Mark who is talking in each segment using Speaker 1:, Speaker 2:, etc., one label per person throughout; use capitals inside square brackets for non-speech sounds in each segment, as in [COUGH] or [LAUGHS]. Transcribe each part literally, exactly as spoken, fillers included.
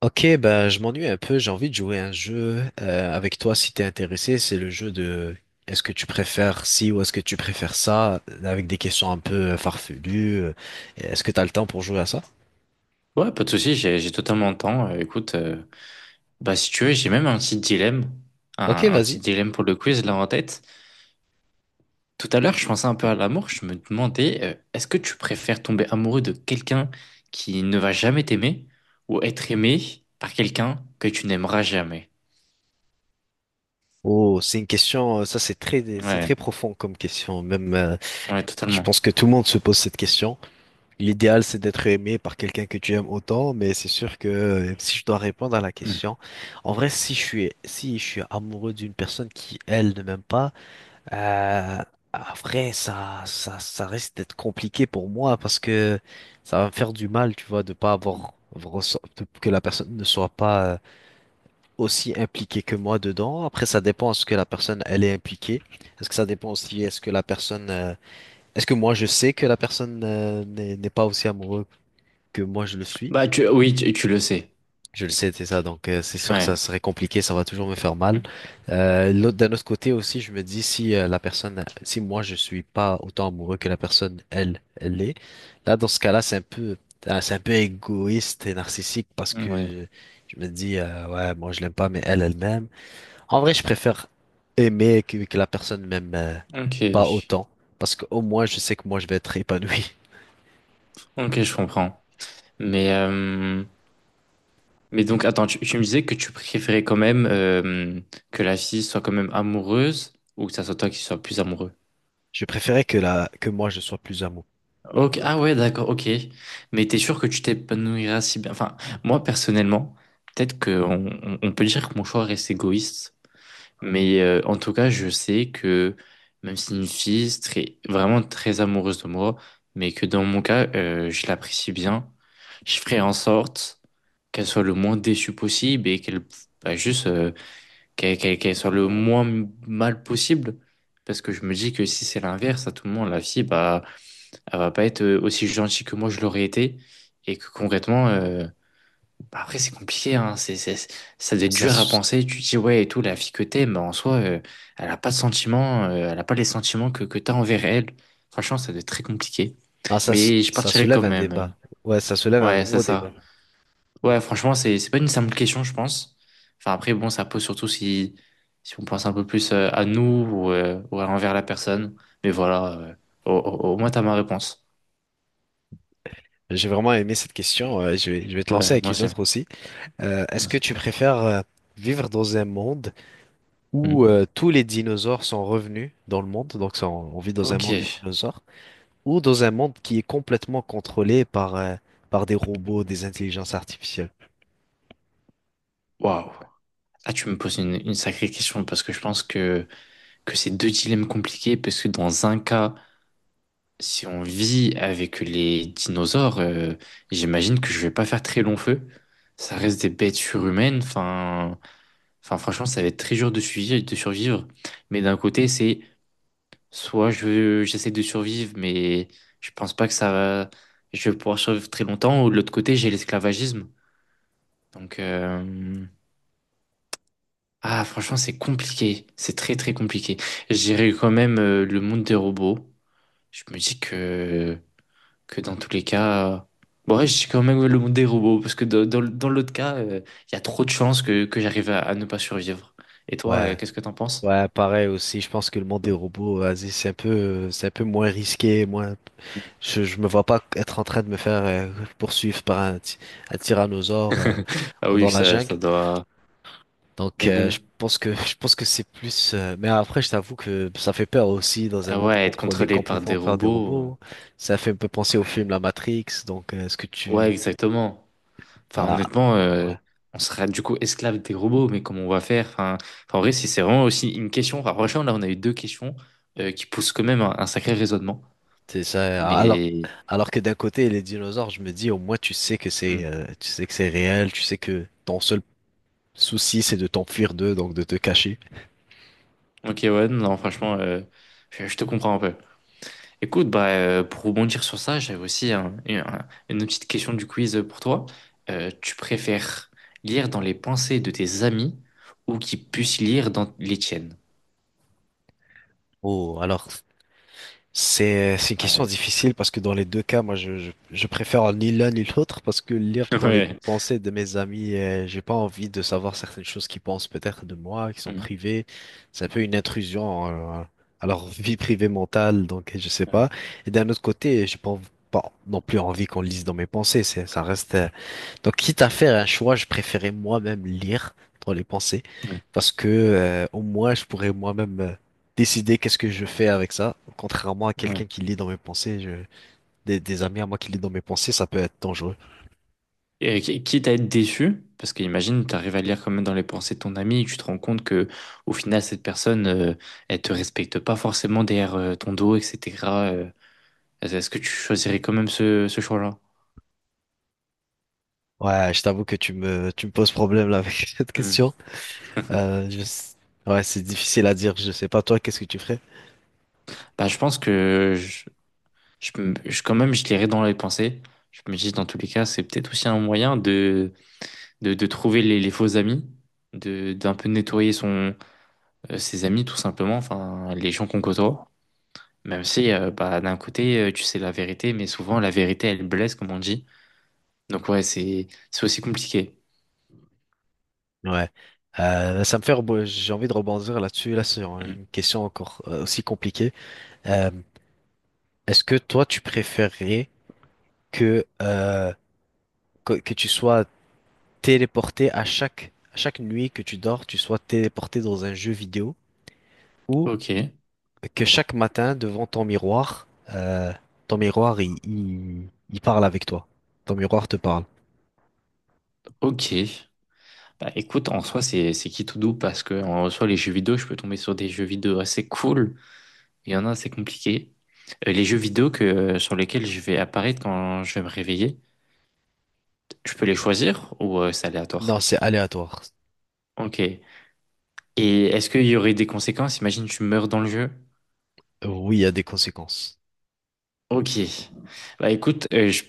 Speaker 1: Ok, bah, je m'ennuie un peu, j'ai envie de jouer à un jeu euh, avec toi si t'es intéressé. C'est le jeu de est-ce que tu préfères ci ou est-ce que tu préfères ça, avec des questions un peu euh, farfelues. euh, Est-ce que t'as le temps pour jouer à ça?
Speaker 2: Ouais, pas de souci, j'ai j'ai totalement le temps. Euh, écoute, euh, bah si tu veux, j'ai même un petit dilemme, un,
Speaker 1: Ok,
Speaker 2: un petit
Speaker 1: vas-y.
Speaker 2: dilemme pour le quiz là en tête. Tout à l'heure, je pensais un peu à l'amour, je me demandais, euh, est-ce que tu préfères tomber amoureux de quelqu'un qui ne va jamais t'aimer ou être aimé par quelqu'un que tu n'aimeras jamais?
Speaker 1: Oh, c'est une question, euh, ça c'est très, c'est
Speaker 2: Ouais,
Speaker 1: très profond comme question. Même, euh,
Speaker 2: ouais,
Speaker 1: je
Speaker 2: totalement.
Speaker 1: pense que tout le monde se pose cette question. L'idéal c'est d'être aimé par quelqu'un que tu aimes autant, mais c'est sûr que euh, si je dois répondre à la
Speaker 2: Mm.
Speaker 1: question, en vrai, si je suis, si je suis amoureux d'une personne qui elle ne m'aime pas. Euh, Après, ça, ça, ça risque d'être compliqué pour moi parce que ça va me faire du mal, tu vois, de pas avoir reço- de- que la personne ne soit pas euh, aussi impliquée que moi dedans. Après, ça dépend est-ce que la personne elle est impliquée. Est-ce que ça dépend aussi est-ce que la personne euh, est-ce que moi je sais que la personne euh, n'est n'est pas aussi amoureuse que moi je le suis.
Speaker 2: Bah tu, oui, tu, tu le sais.
Speaker 1: Je le sais, c'est ça. Donc, euh, c'est sûr que
Speaker 2: Ouais.
Speaker 1: ça serait compliqué, ça va toujours me faire mal. Euh, l'autre, d'un autre côté aussi, je me dis si euh, la personne, si moi je suis pas autant amoureux que la personne, elle, elle l'est. Là, dans ce cas-là, c'est un peu, euh, c'est un peu égoïste et narcissique parce
Speaker 2: Mm, ouais.
Speaker 1: que je me dis, euh, ouais, moi je l'aime pas, mais elle, elle m'aime. En vrai, je préfère aimer que, que la personne m'aime euh,
Speaker 2: Ok,
Speaker 1: pas autant parce qu'au moins je sais que moi je vais être épanoui.
Speaker 2: ok, je comprends. Mais euh, mais donc, attends, tu, tu me disais que tu préférais quand même euh, que la fille soit quand même amoureuse ou que ça soit toi qui sois plus amoureux.
Speaker 1: Je préférais que la, que moi je sois plus amoureux.
Speaker 2: Ok, ah ouais, d'accord, ok. Mais t'es sûr que tu t'épanouiras si bien? Enfin, moi personnellement, peut-être qu'on on, on peut dire que mon choix reste égoïste, mais euh, en tout cas, je sais que même si une fille est très, vraiment très amoureuse de moi, mais que dans mon cas, euh, je l'apprécie bien, je ferai en sorte qu'elle soit le moins déçue possible et qu'elle bah, juste euh, qu'elle qu'elle- qu'elle soit le moins mal possible. Parce que je me dis que si c'est l'inverse, à tout moment, la fille, bah, elle va pas être euh, aussi gentille que moi je l'aurais été. Et que concrètement, euh, bah, après, c'est compliqué, hein. C'est, c'est, c'est- ça doit être
Speaker 1: Ça,
Speaker 2: dur à penser. Tu te dis, ouais, et tout, la fille que t'aimes, bah, en soi, euh, elle a pas de sentiments, euh, elle a pas les sentiments que, que t'as envers elle. Franchement, ça doit être très compliqué.
Speaker 1: ah, ça, se-
Speaker 2: Mais je
Speaker 1: ça
Speaker 2: partirais quand
Speaker 1: soulève un
Speaker 2: même.
Speaker 1: débat.
Speaker 2: euh.
Speaker 1: Ouais, ça soulève un
Speaker 2: Ouais, c'est
Speaker 1: gros débat.
Speaker 2: ça. Ouais, franchement, c'est c'est pas une simple question, je pense. Enfin, après, bon, ça pose surtout si, si on pense un peu plus euh, à nous ou, euh, ou à envers la personne. Mais voilà, euh, au, au- au moins, t'as ma réponse.
Speaker 1: J'ai vraiment aimé cette question. Euh, je vais, je vais te lancer
Speaker 2: Ouais,
Speaker 1: avec
Speaker 2: moi
Speaker 1: une
Speaker 2: aussi.
Speaker 1: autre aussi. Euh,
Speaker 2: Moi
Speaker 1: est-ce que
Speaker 2: aussi.
Speaker 1: tu préfères euh, vivre dans un monde où
Speaker 2: Mhm.
Speaker 1: euh, tous les dinosaures sont revenus dans le monde, donc ça, on on vit dans un monde de
Speaker 2: Ok,
Speaker 1: dinosaures, ou dans un monde qui est complètement contrôlé par, euh, par des robots, des intelligences artificielles?
Speaker 2: waouh. Là, tu me poses une, une sacrée question parce que je pense que, que c'est deux dilemmes compliqués. Parce que dans un cas, si on vit avec les dinosaures, euh, j'imagine que je vais pas faire très long feu. Ça reste des bêtes surhumaines. Enfin. Enfin, franchement, ça va être très dur de survivre, de survivre. Mais d'un côté, c'est soit je, j'essaie de survivre, mais je pense pas que ça va, je vais pouvoir survivre très longtemps. Ou de l'autre côté, j'ai l'esclavagisme. Donc, euh, ah, franchement, c'est compliqué. C'est très, très compliqué. J'irai quand même euh, le monde des robots. Je me dis que, que dans tous les cas, bon, ouais, je dis quand même le monde des robots parce que dans, dans, dans l'autre cas, euh, il y a trop de chances que, que j'arrive à, à ne pas survivre. Et toi, euh,
Speaker 1: Ouais,
Speaker 2: qu'est-ce que t'en penses?
Speaker 1: ouais, pareil aussi. Je pense que le monde des robots, vas-y, c'est un peu, euh, c'est un peu moins risqué, moins. Je, je me vois pas être en train de me faire euh, poursuivre par un, ty- un tyrannosaure euh,
Speaker 2: [LAUGHS] Ah oui,
Speaker 1: dans la
Speaker 2: ça,
Speaker 1: jungle.
Speaker 2: ça doit.
Speaker 1: Donc
Speaker 2: Mais
Speaker 1: euh, je
Speaker 2: bon,
Speaker 1: pense que je pense que c'est plus. euh, Mais après, je t'avoue que ça fait peur aussi dans un
Speaker 2: ah
Speaker 1: monde
Speaker 2: ouais, être
Speaker 1: contrôlé
Speaker 2: contrôlé par des
Speaker 1: complètement par des
Speaker 2: robots.
Speaker 1: robots. Ça fait un peu
Speaker 2: euh,
Speaker 1: penser au film
Speaker 2: Ouais,
Speaker 1: La Matrix. Donc euh, est-ce que
Speaker 2: ouais,
Speaker 1: tu
Speaker 2: exactement. Enfin,
Speaker 1: ah,
Speaker 2: honnêtement, euh,
Speaker 1: ouais.
Speaker 2: on sera du coup esclave des robots, mais comment on va faire? Enfin, enfin, en vrai, si c'est vraiment aussi une question. Enfin, franchement, là, on a eu deux questions euh, qui poussent quand même un, un sacré raisonnement.
Speaker 1: C'est ça. Alors
Speaker 2: Mais.
Speaker 1: alors que d'un côté les dinosaures, je me dis au moins tu sais que
Speaker 2: Hmm.
Speaker 1: c'est euh, tu sais que c'est réel. Tu sais que ton seul souci c'est de t'enfuir d'eux donc de te cacher.
Speaker 2: Ok, ouais, non, franchement, euh, je, je te comprends un peu. Écoute, bah, euh, pour rebondir sur ça, j'avais aussi un- une, un- une petite question du quiz pour toi. Euh, tu préfères lire dans les pensées de tes amis ou qu'ils puissent lire dans les tiennes?
Speaker 1: Oh alors, C'est c'est une
Speaker 2: Ouais.
Speaker 1: question difficile parce que dans les deux cas, moi, je, je, je préfère ni l'un ni l'autre parce que lire
Speaker 2: [LAUGHS]
Speaker 1: dans les
Speaker 2: Ouais.
Speaker 1: pensées de mes amis, euh, j'ai pas envie de savoir certaines choses qu'ils pensent peut-être de moi, qui sont
Speaker 2: Mm.
Speaker 1: privées. C'est un peu une intrusion euh, à leur vie privée mentale, donc je sais
Speaker 2: Ouais.
Speaker 1: pas. Et d'un autre côté, j'ai pas, env- pas non plus envie qu'on lise dans mes pensées. C'est, ça reste euh, donc, quitte à faire un choix, je préférais moi-même lire dans les pensées
Speaker 2: Ouais.
Speaker 1: parce que euh, au moins je pourrais moi-même euh, décider qu'est-ce que je fais avec ça. Contrairement à
Speaker 2: Ouais.
Speaker 1: quelqu'un qui lit dans mes pensées, je... des, des amis à moi qui lit dans mes pensées, ça peut être dangereux.
Speaker 2: Et qui- quitte à être déçu, parce qu'imagine, tu arrives à lire quand même dans les pensées de ton ami et tu te rends compte que au final, cette personne, euh, elle te respecte pas forcément derrière euh, ton dos, et cetera euh, est-ce que tu choisirais quand même ce, ce choix-là?
Speaker 1: Ouais, je t'avoue que tu me tu me poses problème là [LAUGHS] avec cette
Speaker 2: Mm.
Speaker 1: question. Euh, je... ouais, c'est difficile à dire. Je sais pas toi, qu'est-ce que tu ferais?
Speaker 2: Bah, je pense que je- je, me- je- quand même, je l'irai dans les pensées. Je me dis, dans tous les cas, c'est peut-être aussi un moyen de, de, de trouver les, les faux amis, de, d'un peu nettoyer son, euh, ses amis, tout simplement, enfin, les gens qu'on côtoie. Même si, euh, bah, d'un côté, euh, tu sais la vérité, mais souvent, la vérité, elle blesse, comme on dit. Donc, ouais, c'est, c'est aussi compliqué.
Speaker 1: Ouais. Euh, ça me fait rebo- j'ai envie de rebondir là-dessus là sur
Speaker 2: Mm.
Speaker 1: une question encore euh, aussi compliquée. Euh, Est-ce que toi tu préférerais que, euh, que, que tu sois téléporté à chaque, à chaque nuit que tu dors, tu sois téléporté dans un jeu vidéo ou
Speaker 2: Ok,
Speaker 1: que chaque matin devant ton miroir, euh, ton miroir il, il, il parle avec toi. Ton miroir te parle.
Speaker 2: ok. Bah, écoute, en soi, c'est, c'est qui tout doux parce que, en soi, les jeux vidéo, je peux tomber sur des jeux vidéo assez cool. Il y en a, c'est compliqué. Euh, les jeux vidéo que, euh, sur lesquels je vais apparaître quand je vais me réveiller, je peux les choisir ou euh, c'est
Speaker 1: Non,
Speaker 2: aléatoire?
Speaker 1: c'est aléatoire.
Speaker 2: Ok. Et est-ce qu'il y aurait des conséquences? Imagine, tu meurs dans le jeu.
Speaker 1: Oui, il y a des conséquences.
Speaker 2: Ok. Bah écoute, euh, je-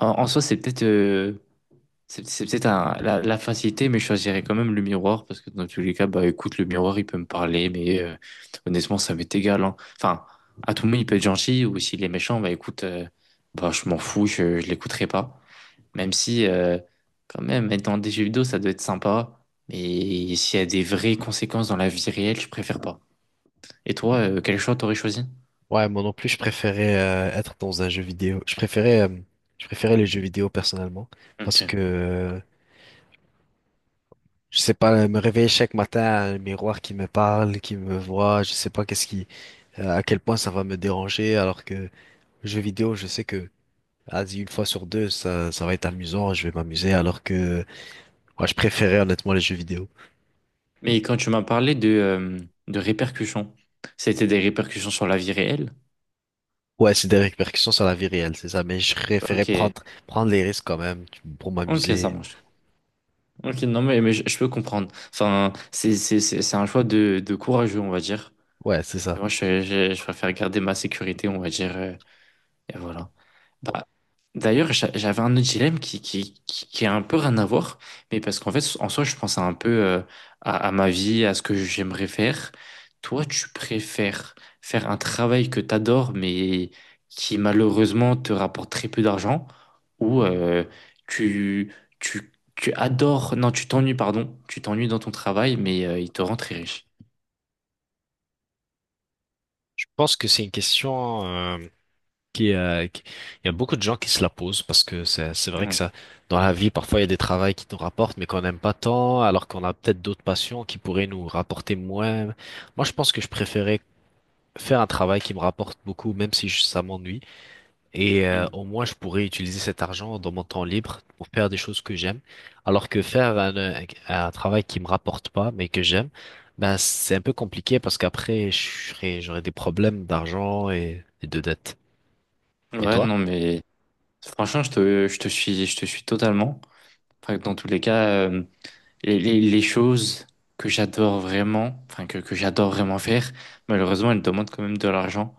Speaker 2: en, en soi, c'est peut-être euh, c'est c'est peut-être un- la, la facilité, mais je choisirais quand même le miroir parce que dans tous les cas, bah écoute, le miroir, il peut me parler, mais euh, honnêtement, ça m'est égal, hein. Enfin, à tout moment, il peut être gentil ou s'il est méchant, bah écoute, euh, bah je m'en fous, je, je l'écouterai pas. Même si, euh, quand même, être dans des jeux vidéo, ça doit être sympa. Mais s'il y a des vraies conséquences dans la vie réelle, je préfère pas. Et toi, euh, quel choix t'aurais choisi?
Speaker 1: Ouais, moi non plus, je préférais euh, être dans un jeu vidéo. Je préférais, euh, je préférais les jeux vidéo personnellement parce
Speaker 2: Ok.
Speaker 1: que euh, je sais pas, me réveiller chaque matin, un miroir qui me parle, qui me voit, je sais pas qu'est-ce qui euh, à quel point ça va me déranger, alors que jeux vidéo, je sais que, vas-y, une fois sur deux, ça, ça va être amusant, je vais m'amuser, alors que moi, je préférais honnêtement les jeux vidéo.
Speaker 2: Mais quand tu m'as parlé de, euh, de répercussions, c'était des répercussions sur la vie réelle?
Speaker 1: Ouais, c'est des répercussions sur la vie réelle, c'est ça, mais je préférais
Speaker 2: Ok.
Speaker 1: prendre, prendre les risques quand même tu- pour
Speaker 2: Ok, ça
Speaker 1: m'amuser.
Speaker 2: marche. Ok, non, mais, mais je, je peux comprendre. Enfin, c'est c'est- c'est- c'est un choix de, de courageux, on va dire.
Speaker 1: Ouais, c'est
Speaker 2: Et
Speaker 1: ça.
Speaker 2: moi, je, je, je préfère garder ma sécurité, on va dire. euh, Et voilà. Bah, d'ailleurs, j'a- j'avais un autre dilemme qui, qui, qui, qui a un peu rien à voir, mais parce qu'en fait, en soi, je pensais un peu euh, à, à ma vie, à ce que j'aimerais faire. Toi, tu préfères faire un travail que tu adores, mais qui malheureusement te rapporte très peu d'argent, ou euh, tu, tu, tu adores, non, tu t'ennuies, pardon, tu t'ennuies dans ton travail, mais euh, il te rend très riche.
Speaker 1: Je pense que c'est une question euh, qui, euh, qui- il y a beaucoup de gens qui se la posent parce que c'est c'est vrai que
Speaker 2: Ouais,
Speaker 1: ça dans la vie parfois il y a des travails qui nous rapportent mais qu'on n'aime pas tant alors qu'on a peut-être d'autres passions qui pourraient nous rapporter moins. Moi je pense que je préférais faire un travail qui me rapporte beaucoup, même si je- ça m'ennuie. Et euh,
Speaker 2: mm.
Speaker 1: au moins, je pourrais utiliser cet argent dans mon temps libre pour faire des choses que j'aime. Alors que faire un, euh, un travail qui me rapporte pas, mais que j'aime, ben, c'est un peu compliqué parce qu'après, je serais- j'aurais des problèmes d'argent et, et de dettes. Et
Speaker 2: Ouais,
Speaker 1: toi?
Speaker 2: non, mais franchement, je te, je te suis, je te suis totalement. Enfin, dans tous les cas, euh, les, les- les choses que j'adore vraiment, enfin que, que j'adore vraiment faire, malheureusement, elles demandent quand même de l'argent.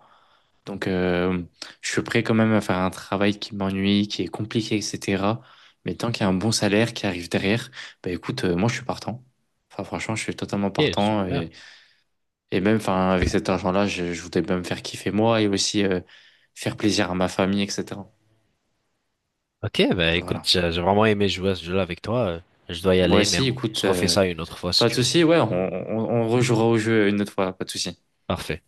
Speaker 2: Donc, euh, je suis prêt quand même à faire un travail qui m'ennuie, qui est compliqué, et cetera. Mais tant qu'il y a un bon salaire qui arrive derrière, bah écoute, euh, moi je suis partant. Enfin, franchement, je suis totalement
Speaker 1: Ok,
Speaker 2: partant.
Speaker 1: super.
Speaker 2: Et, et même, enfin, avec cet argent-là, je, je voudrais bien me faire kiffer moi et aussi euh, faire plaisir à ma famille, et cetera.
Speaker 1: Ok, ben écoute,
Speaker 2: Voilà.
Speaker 1: j'ai j'ai vraiment aimé jouer à ce jeu-là avec toi. Je dois y
Speaker 2: Moi
Speaker 1: aller, mais
Speaker 2: aussi,
Speaker 1: on se
Speaker 2: écoute.
Speaker 1: refait
Speaker 2: euh,
Speaker 1: ça une autre fois si
Speaker 2: Pas de
Speaker 1: tu veux.
Speaker 2: souci, ouais, on, on, on rejouera au jeu une autre fois, pas de souci.
Speaker 1: Parfait.